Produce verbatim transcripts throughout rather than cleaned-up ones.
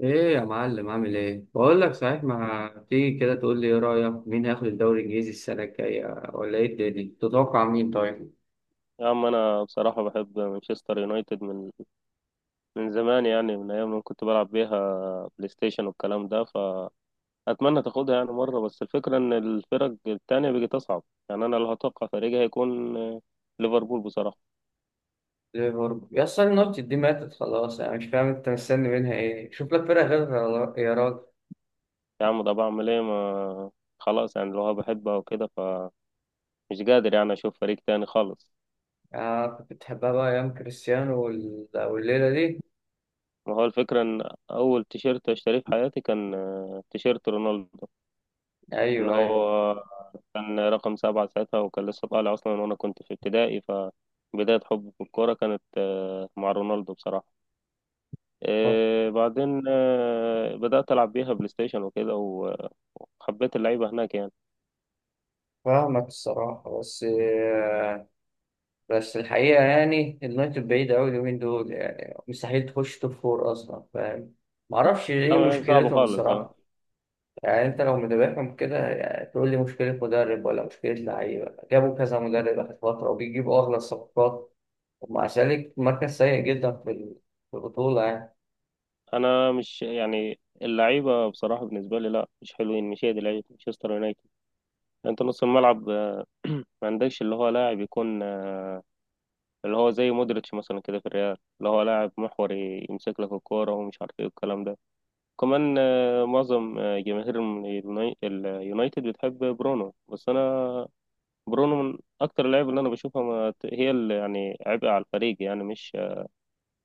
ايه يا معلم، عامل ايه؟ بقول لك صحيح، ما تيجي كده تقول لي ايه رايك؟ مين هياخد الدوري الانجليزي السنه الجايه؟ ولا ايه، الدنيا تتوقع مين؟ طيب يا عم، انا بصراحه بحب مانشستر يونايتد من من زمان، يعني من ايام ما كنت بلعب بيها بلاي ستيشن والكلام ده. فاتمنى تاخدها يعني مره، بس الفكره ان الفرق التانية بقت اصعب. يعني انا اللي هتوقع فريقي هيكون آه، ليفربول بصراحه. ليفربول؟ يا اصل النوت دي ماتت خلاص، انا مش فاهم انت مستني منها ايه، شوف لك فرقه غيرها يا راجل. يا عم ده بعمل ايه؟ ما خلاص يعني لو بحبها وكده فمش قادر يعني اشوف فريق تاني خالص. آه، كنت بتحبها بقى ايام كريستيانو وال- والليله دي. ما هو الفكره ان اول تيشيرت اشتريه في حياتي كان آه، تيشيرت رونالدو، اللي ايوه ايوه. هو كان رقم سبعة ساعتها، وكان لسه طالع أصلا، وأنا كنت في ابتدائي، فبداية حبي في الكورة كانت آه، مع رونالدو بصراحة. ف- آه، بعدين آه، بدأت ألعب بيها بلاي ستيشن وكده و- وحبيت اللعيبة هناك يعني. فاهمك الصراحه، بس آه، بس الحقيقه يعني اليونايتد بعيد قوي اليومين دول، يعني مستحيل تخش توب فور اصلا، فاهم؟ معرفش ايه طبعا هي صعبة مشكلتهم خالص اه. الصراحه، يعني انت لو متابعهم كده يعني تقول لي مشكلة مدرب ولا مشكلة لعيبة؟ جابوا كذا مدرب آخر فترة وبيجيبوا أغلى الصفقات، ومع ذلك مركز سيء جدا في ال- في البطولة يعني. أنا مش يعني اللعيبة بصراحة بالنسبة لي، لا مش حلوين، مش هي دي لعيبة مانشستر يونايتد. أنت نص الملعب آه، ما عندكش اللي هو لاعب يكون آه، اللي هو زي مودريتش مثلا كده في الريال، اللي هو لاعب محوري، يمسك لك الكورة ومش عارف إيه والكلام ده. كمان آه، معظم آه، جماهير اليوناي- اليونايتد بتحب برونو، بس انا برونو من اكتر اللعيبه اللي انا بشوفها، ما ت- هي اللي يعني عبء على الفريق يعني، مش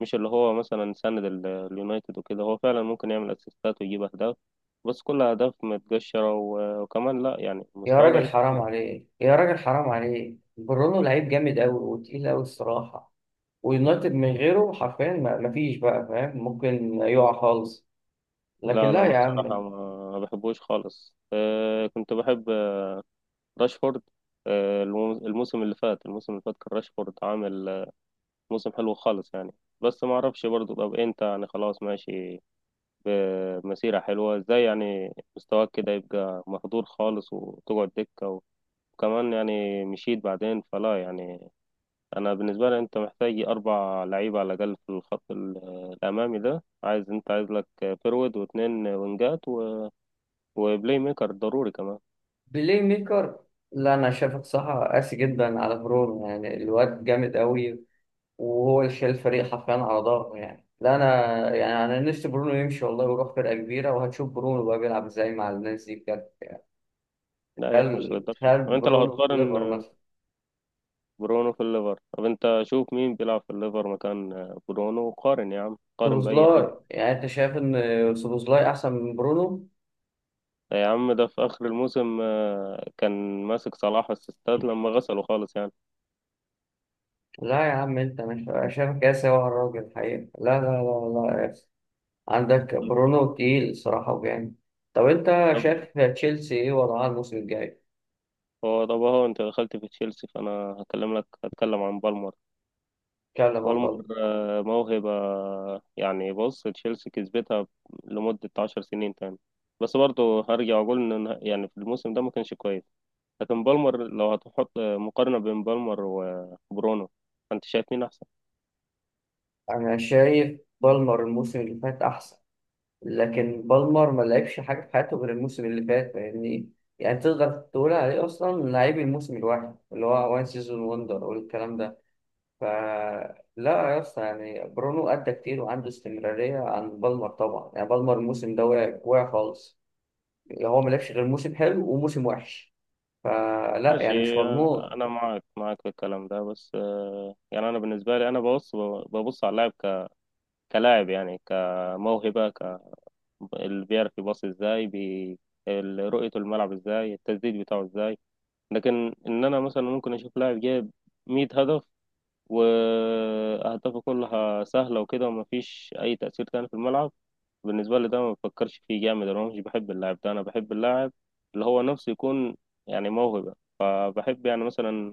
مش اللي هو مثلا ساند ال- اليونايتد وكده. هو فعلا ممكن يعمل اسيستات ويجيب اهداف، بس كلها اهداف متقشره و- وكمان لا، يعني يا مستواه راجل ضعيف حرام خالص. عليه، يا راجل حرام عليه، برونو لعيب جامد أوي وتقيل أوي الصراحة، ويونايتد من غيره حرفيا ما- مفيش بقى فاهم، ممكن يقع خالص. لكن لا لا، لا انا يا بصراحه عم. ما ما بحبوش خالص. آه، كنت بحب راشفورد. آه، الموسم اللي فات الموسم اللي فات كان راشفورد عامل موسم حلو خالص يعني. بس ما اعرفش برضو، طب انت يعني خلاص ماشي بمسيرة حلوة ازاي، يعني مستواك كده يبقى مهدور خالص وتقعد دكة، وكمان يعني مشيت بعدين، فلا يعني. انا بالنسبة لي انت محتاج اربع لعيبة على الاقل في الخط ال- الامامي ده، عايز، انت عايز لك فيرود واتنين وينجات و- وبلاي ميكر ضروري كمان. بلاي ميكر؟ لا، أنا شايفك صح قاسي جدا على برونو، يعني الواد جامد أوي وهو اللي شايل الفريق حرفيا على ظهره، يعني لا انا، يعني انا نفسي برونو يمشي والله ويروح فرقه كبيره، وهتشوف برونو بقى بيلعب ازاي مع الناس دي بجد يعني. لا يا اخي مش تخيل للدرجة، تخيل طب انت لو برونو في هتقارن ليفر مثلا. برونو في الليفر، طب انت شوف مين بيلعب في الليفر مكان برونو، وقارن يا عم، قارن بأي حد. سوبوزلاي؟ يعني انت شايف ان سوبوزلاي احسن من برونو؟ يا عم ده في آخر الموسم آه، كان ماسك صلاح اسيستات لما غسله خالص يعني. لا يا عم انت مش، أنا شايفك يا سوا الراجل الحقيقه، لا لا لا لا يا أسطى. عندك طب برونو تقيل صراحه وجامد. طب انت طب شايف تشيلسي ايه وضعها الموسم الجاي؟ هو طب هو أنت دخلت في تشيلسي، فأنا هكلم لك هتكلم عن بالمر. اتكلم عن بالمر بالمر. آه، موهبة، يعني بص تشيلسي كسبتها لمدة عشر سنين تاني. بس برضه هرجع أقول إن إن- يعني في الموسم ده ما كانش كويس. لكن بالمر لو هتحط آه، مقارنة بين بالمر وبرونو، أنت شايف مين أحسن؟ انا شايف بالمر الموسم اللي فات احسن، لكن بالمر ما لعبش حاجة في حياته غير الموسم اللي فات، فاهمني؟ يعني تقدر تقول عليه أصلا لعيب الموسم الواحد، اللي هو وان سيزون وندر والكلام ده. ف لا يا اسطى، يعني برونو أدى كتير وعنده استمرارية عن بالمر طبعا، يعني بالمر الموسم ده واقع واقع خالص، يعني هو ما لعبش غير موسم حلو وموسم وحش، فلا يعني مش ماشي، مضمون. انا معاك معاك في الكلام ده، بس آه، يعني انا بالنسبه لي انا ببص ببص على اللاعب ك- كلاعب، يعني كموهبه، ك اللي بيعرف يباصي ازاي بي... ال- رؤيته الملعب ازاي، التسديد بتاعه ازاي. لكن ان انا مثلا ممكن اشوف لاعب جايب 100 هدف، واهدافه كلها سهله وكده، ومفيش اي تاثير تاني في الملعب. بالنسبه لي ده ما بفكرش فيه جامد، انا مش بحب اللاعب ده، انا بحب اللاعب اللي هو نفسه يكون يعني موهبه. بحب يعني مثلا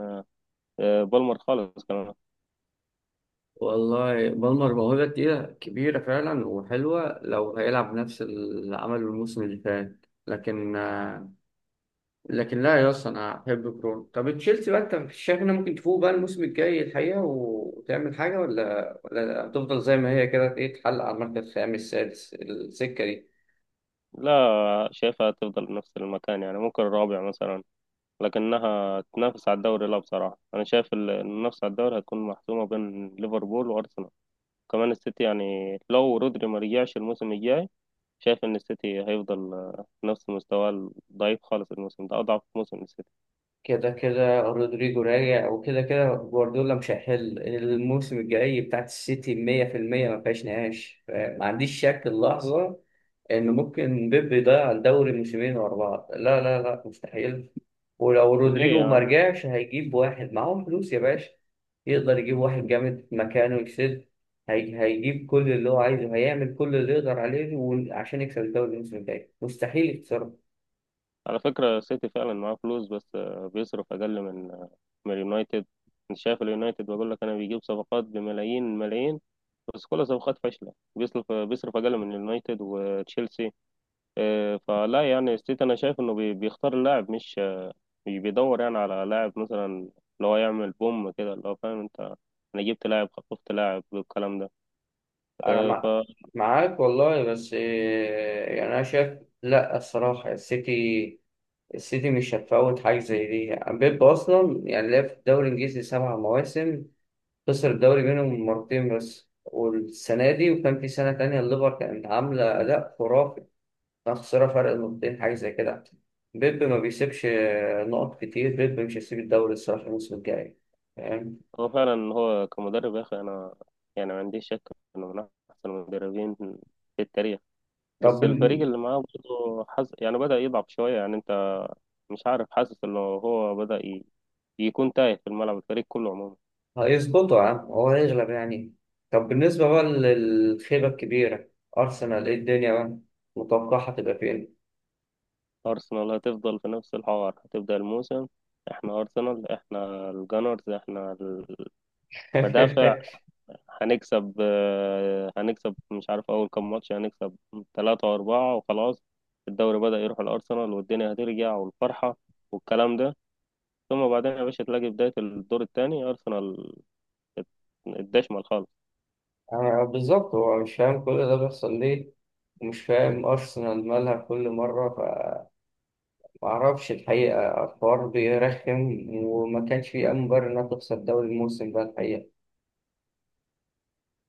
آه، بالمر خالص كمان. والله بالمر موهبة تقيلة كبيرة فعلا وحلوة لو هيلعب نفس اللي عمله الموسم اللي فات، لكن لكن لا يا اسطى، انا احب برونو. طب تشيلسي بقى، انت شايف انها ممكن تفوق بقى الموسم الجاي الحقيقه وتعمل حاجه، ولا ولا هتفضل زي ما هي كده، ايه تتحلق على المركز الخامس السادس، السكه دي؟ لا، شايفها تفضل نفس المكان يعني، ممكن الرابع مثلا، لكنها تنافس على الدوري لا، بصراحة أنا شايف ال- المنافسة على الدوري هتكون محسومة بين ليفربول وأرسنال. كمان السيتي يعني لو رودري ما رجعش الموسم الجاي، شايف إن السيتي هيفضل آه، نفس مستواه الضعيف خالص. الموسم ده أضعف موسم السيتي. كده كده رودريجو راجع، وكده كده جوارديولا مش هيحل الموسم الجاي بتاعت السيتي مية في المية، ما فيهاش نقاش، ما عنديش شك اللحظة إن ممكن بيب يضيع الدوري موسمين ورا بعض، لا لا لا مستحيل. ولو ليه رودريجو يا ما عم؟ رجعش هيجيب واحد، معاهم فلوس يا باشا، يقدر يجيب واحد جامد مكانه يكسب. هي- هيجيب كل اللي هو عايزه، هيعمل كل اللي يقدر عليه، وعشان يكسب الدوري الموسم الجاي مستحيل يخسر. على فكرة السيتي فعلا معاه فلوس، بس آه، بيصرف أقل من آه، من اليونايتد. أنت شايف اليونايتد؟ بقول لك أنا بيجيب صفقات بملايين الملايين، بس كل صفقات فاشلة. بيصرف بيصرف أقل من اليونايتد وتشيلسي. آه، فلا يعني ستيت، أنا شايف إنه بي- بيختار اللاعب، مش آه، مش بيدور يعني على لاعب مثلا اللي هو يعمل بوم كده، اللي هو فاهم أنت، أنا جبت لاعب خطفت لاعب والكلام ده. انا آه، مع... فهو معاك والله، بس إيه، يعني انا شايف، لا الصراحه السيتي، السيتي مش هتفوت حاجه زي دي، بيب اصلا يعني لعب في الدوري الانجليزي سبع مواسم، خسر الدوري منهم مرتين بس، والسنه دي، وكان في سنه تانية الليفر كانت عامله اداء خرافي، كان خسرها فرق نقطتين حاجه زي كده. بيب ما بيسيبش آه، نقط كتير، بيب مش هيسيب الدوري الصراحه الموسم الجاي، فاهم؟ فعلا، هو كمدرب يا أخي، أنا يعني ما عنديش شك إنه من أحسن المدربين في التاريخ. طب بس الفريق بن- اللي معاه برضه حز... يعني بدأ يضعف شوية، يعني أنت مش عارف، حاسس إنه هو بدأ ي... يكون تايه في الملعب، الفريق كله عموما. هيظبطوا يا عم، هو هيغلب يعني. طب بالنسبة بقى للخيبة الكبيرة، أرسنال، إيه الدنيا بقى متوقعة تبقى فين؟ أرسنال هتفضل في نفس الحوار. هتبدأ الموسم، احنا أرسنال، احنا الجانرز، احنا المدافع، هنكسب آه، هنكسب مش عارف أول كام ماتش، هنكسب ثلاثة وأربعة وخلاص. الدوري بدأ يروح الأرسنال، والدنيا هترجع، والفرحة والكلام ده. ثم بعدين يا باشا تلاقي بداية الدور الثاني أرسنال ات- اتدشمل خالص. أنا بالظبط هو مش فاهم كل ده بيحصل ليه، ومش فاهم أرسنال مالها كل مرة، فمعرفش الحقيقة الحوار بيرخم، وما كانش فيه أي مبرر إنها تخسر الدوري الموسم ده الحقيقة.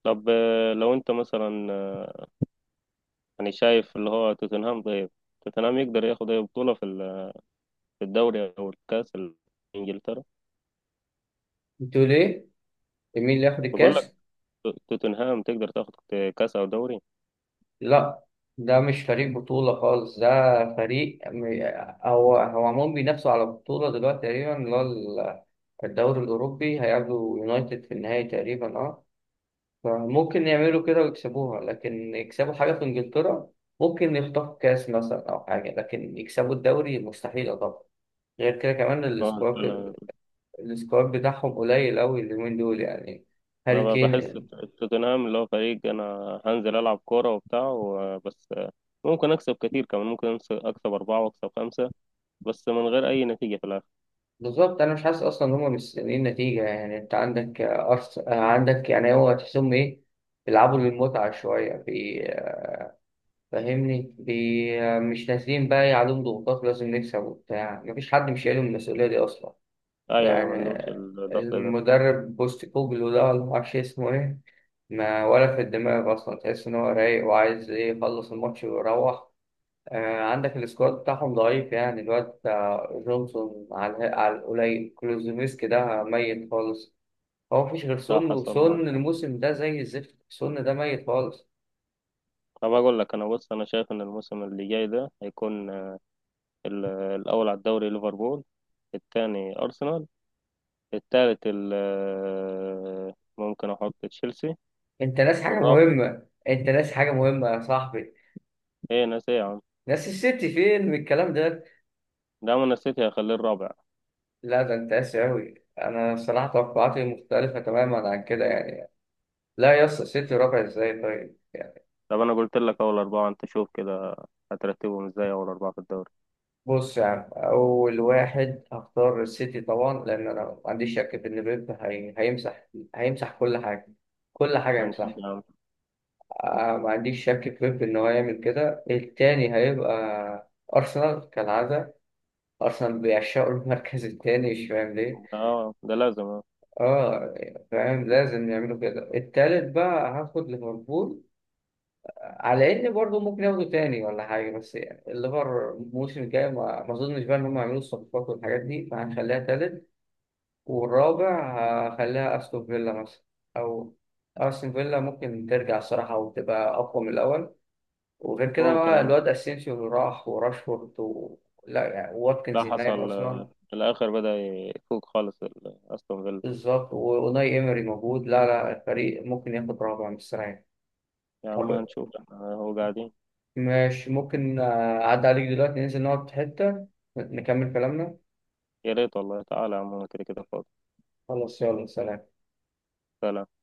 طب آه، لو أنت مثلا آه، يعني شايف اللي هو توتنهام، طيب توتنهام يقدر ياخد أي بطولة في ال- في الدوري أو الكأس الإنجلترا؟ أنتوا ليه؟ مين اللي ياخد بقول لك الكاس؟ توتنهام تقدر تاخد كاس او دوري. لا، ده مش فريق بطولة خالص ده، فريق م- هو هو عموما بينافسوا على بطولة دلوقتي تقريبا، اللي هو ال- الدوري الأوروبي، هيقابلوا يونايتد في النهائي تقريبا، اه. فممكن يعملوا كده ويكسبوها، لكن يكسبوا حاجة في إنجلترا، ممكن يخطفوا كاس مثلا أو حاجة، لكن يكسبوا الدوري مستحيل طبعا. غير كده كمان اه، السكواد، انا السكواد بتاعهم قليل أوي اليومين دول يعني، انا هاري ب- بحس كين. توتنهام اللي هو فريق انا هنزل العب كوره وبتاع و- بس ممكن اكسب كتير، كمان ممكن أنس- اكسب اربعه واكسب خمسه، بس من غير اي نتيجه في الاخر. بالظبط، انا مش حاسس اصلا ان هم مستنيين نتيجه يعني، انت عندك أرس... عندك، يعني هو تحسهم ايه؟ بيلعبوا للمتعه شويه بي... فاهمني بي... مش نازلين بقى، إيه عليهم ضغوطات لازم نكسب وبتاع، مفيش حد مش شايل المسؤوليه دي اصلا ايوه ايوه، ما يعني. عندهمش الضغط ده. المدرب بوست كوجلو ده، ولا معرفش اسمه ايه، ما ولا في الدماغ اصلا، تحس ان هو رايق وعايز ايه، يخلص الماتش ويروح. آه، عندك السكواد بتاعهم ضعيف، يعني الواد بتاع جونسون على الها- على القليل، كلوزوفسكي ده ميت خالص، هو مفيش غير لا سون، حصل معاك وسون حاجه. الموسم ده زي الزفت، سون ده ميت خالص. طب اقول لك انا، بص انا شايف ان الموسم اللي جاي ده هيكون ال- الاول على الدوري ليفربول، الثاني ارسنال، الثالث ممكن احط تشيلسي، انت ناس حاجة والرابع مهمة، انت ناس حاجة مهمة يا صاحبي. ايه؟ ناس ايه يا عم؟ ناس السيتي فين من الكلام ده؟ ده من السيتي هيخليه الرابع. لا ده انت قاسي أوي، أنا صراحة توقعاتي مختلفة تماما عن كده يعني. لا يا اسطى السيتي ربع ازاي؟ طيب طب انا قلت لك اول اربعه، انت شوف كده هترتبهم ازاي اول اربعه في الدوري. بص يا عم، أول واحد هختار السيتي طبعا، لأن أنا ما عنديش شك في إن بيب هي... هيمسح، هيمسح كل حاجة، كل حاجة هنشوف هيمسحها. يا عم. آه، ما عنديش شك في بيب إن هو يعمل كده. التاني هيبقى أرسنال كالعادة، أرسنال بيعشقوا المركز التاني مش فاهم ليه. اه ده لازم آه. آه، فاهم، لازم يعملوا كده. التالت بقى هاخد ليفربول، آه، على إن برضه ممكن ياخدوا تاني ولا حاجة، بس يعني الليفر الموسم الجاي ما ما أظنش بقى إن هم يعملوا الصفقات والحاجات دي، فهنخليها تالت. والرابع، هخليها أستون فيلا مثلا، أو أستون فيلا ممكن ترجع الصراحة وتبقى أقوى من الأول، وغير كده ممكن بقى اه. الواد أسينسيو اللي راح، وراشفورد و... لا يعني لا واتكنز هناك حصل أصلا. آه، في الاخر بدأ يفوق خالص ال- استون فيلا. بالظبط وناي إيمري موجود، لا لا الفريق ممكن ياخد رابع مستريح. يا عم طب هنشوف احنا، هو قاعدين. مش ممكن آه، أعدي عليك دلوقتي ننزل نقعد في حتة نكمل كلامنا؟ يا ريت والله، تعالى يا عم أنا كده كده فاضي. خلاص يلا سلام. سلام.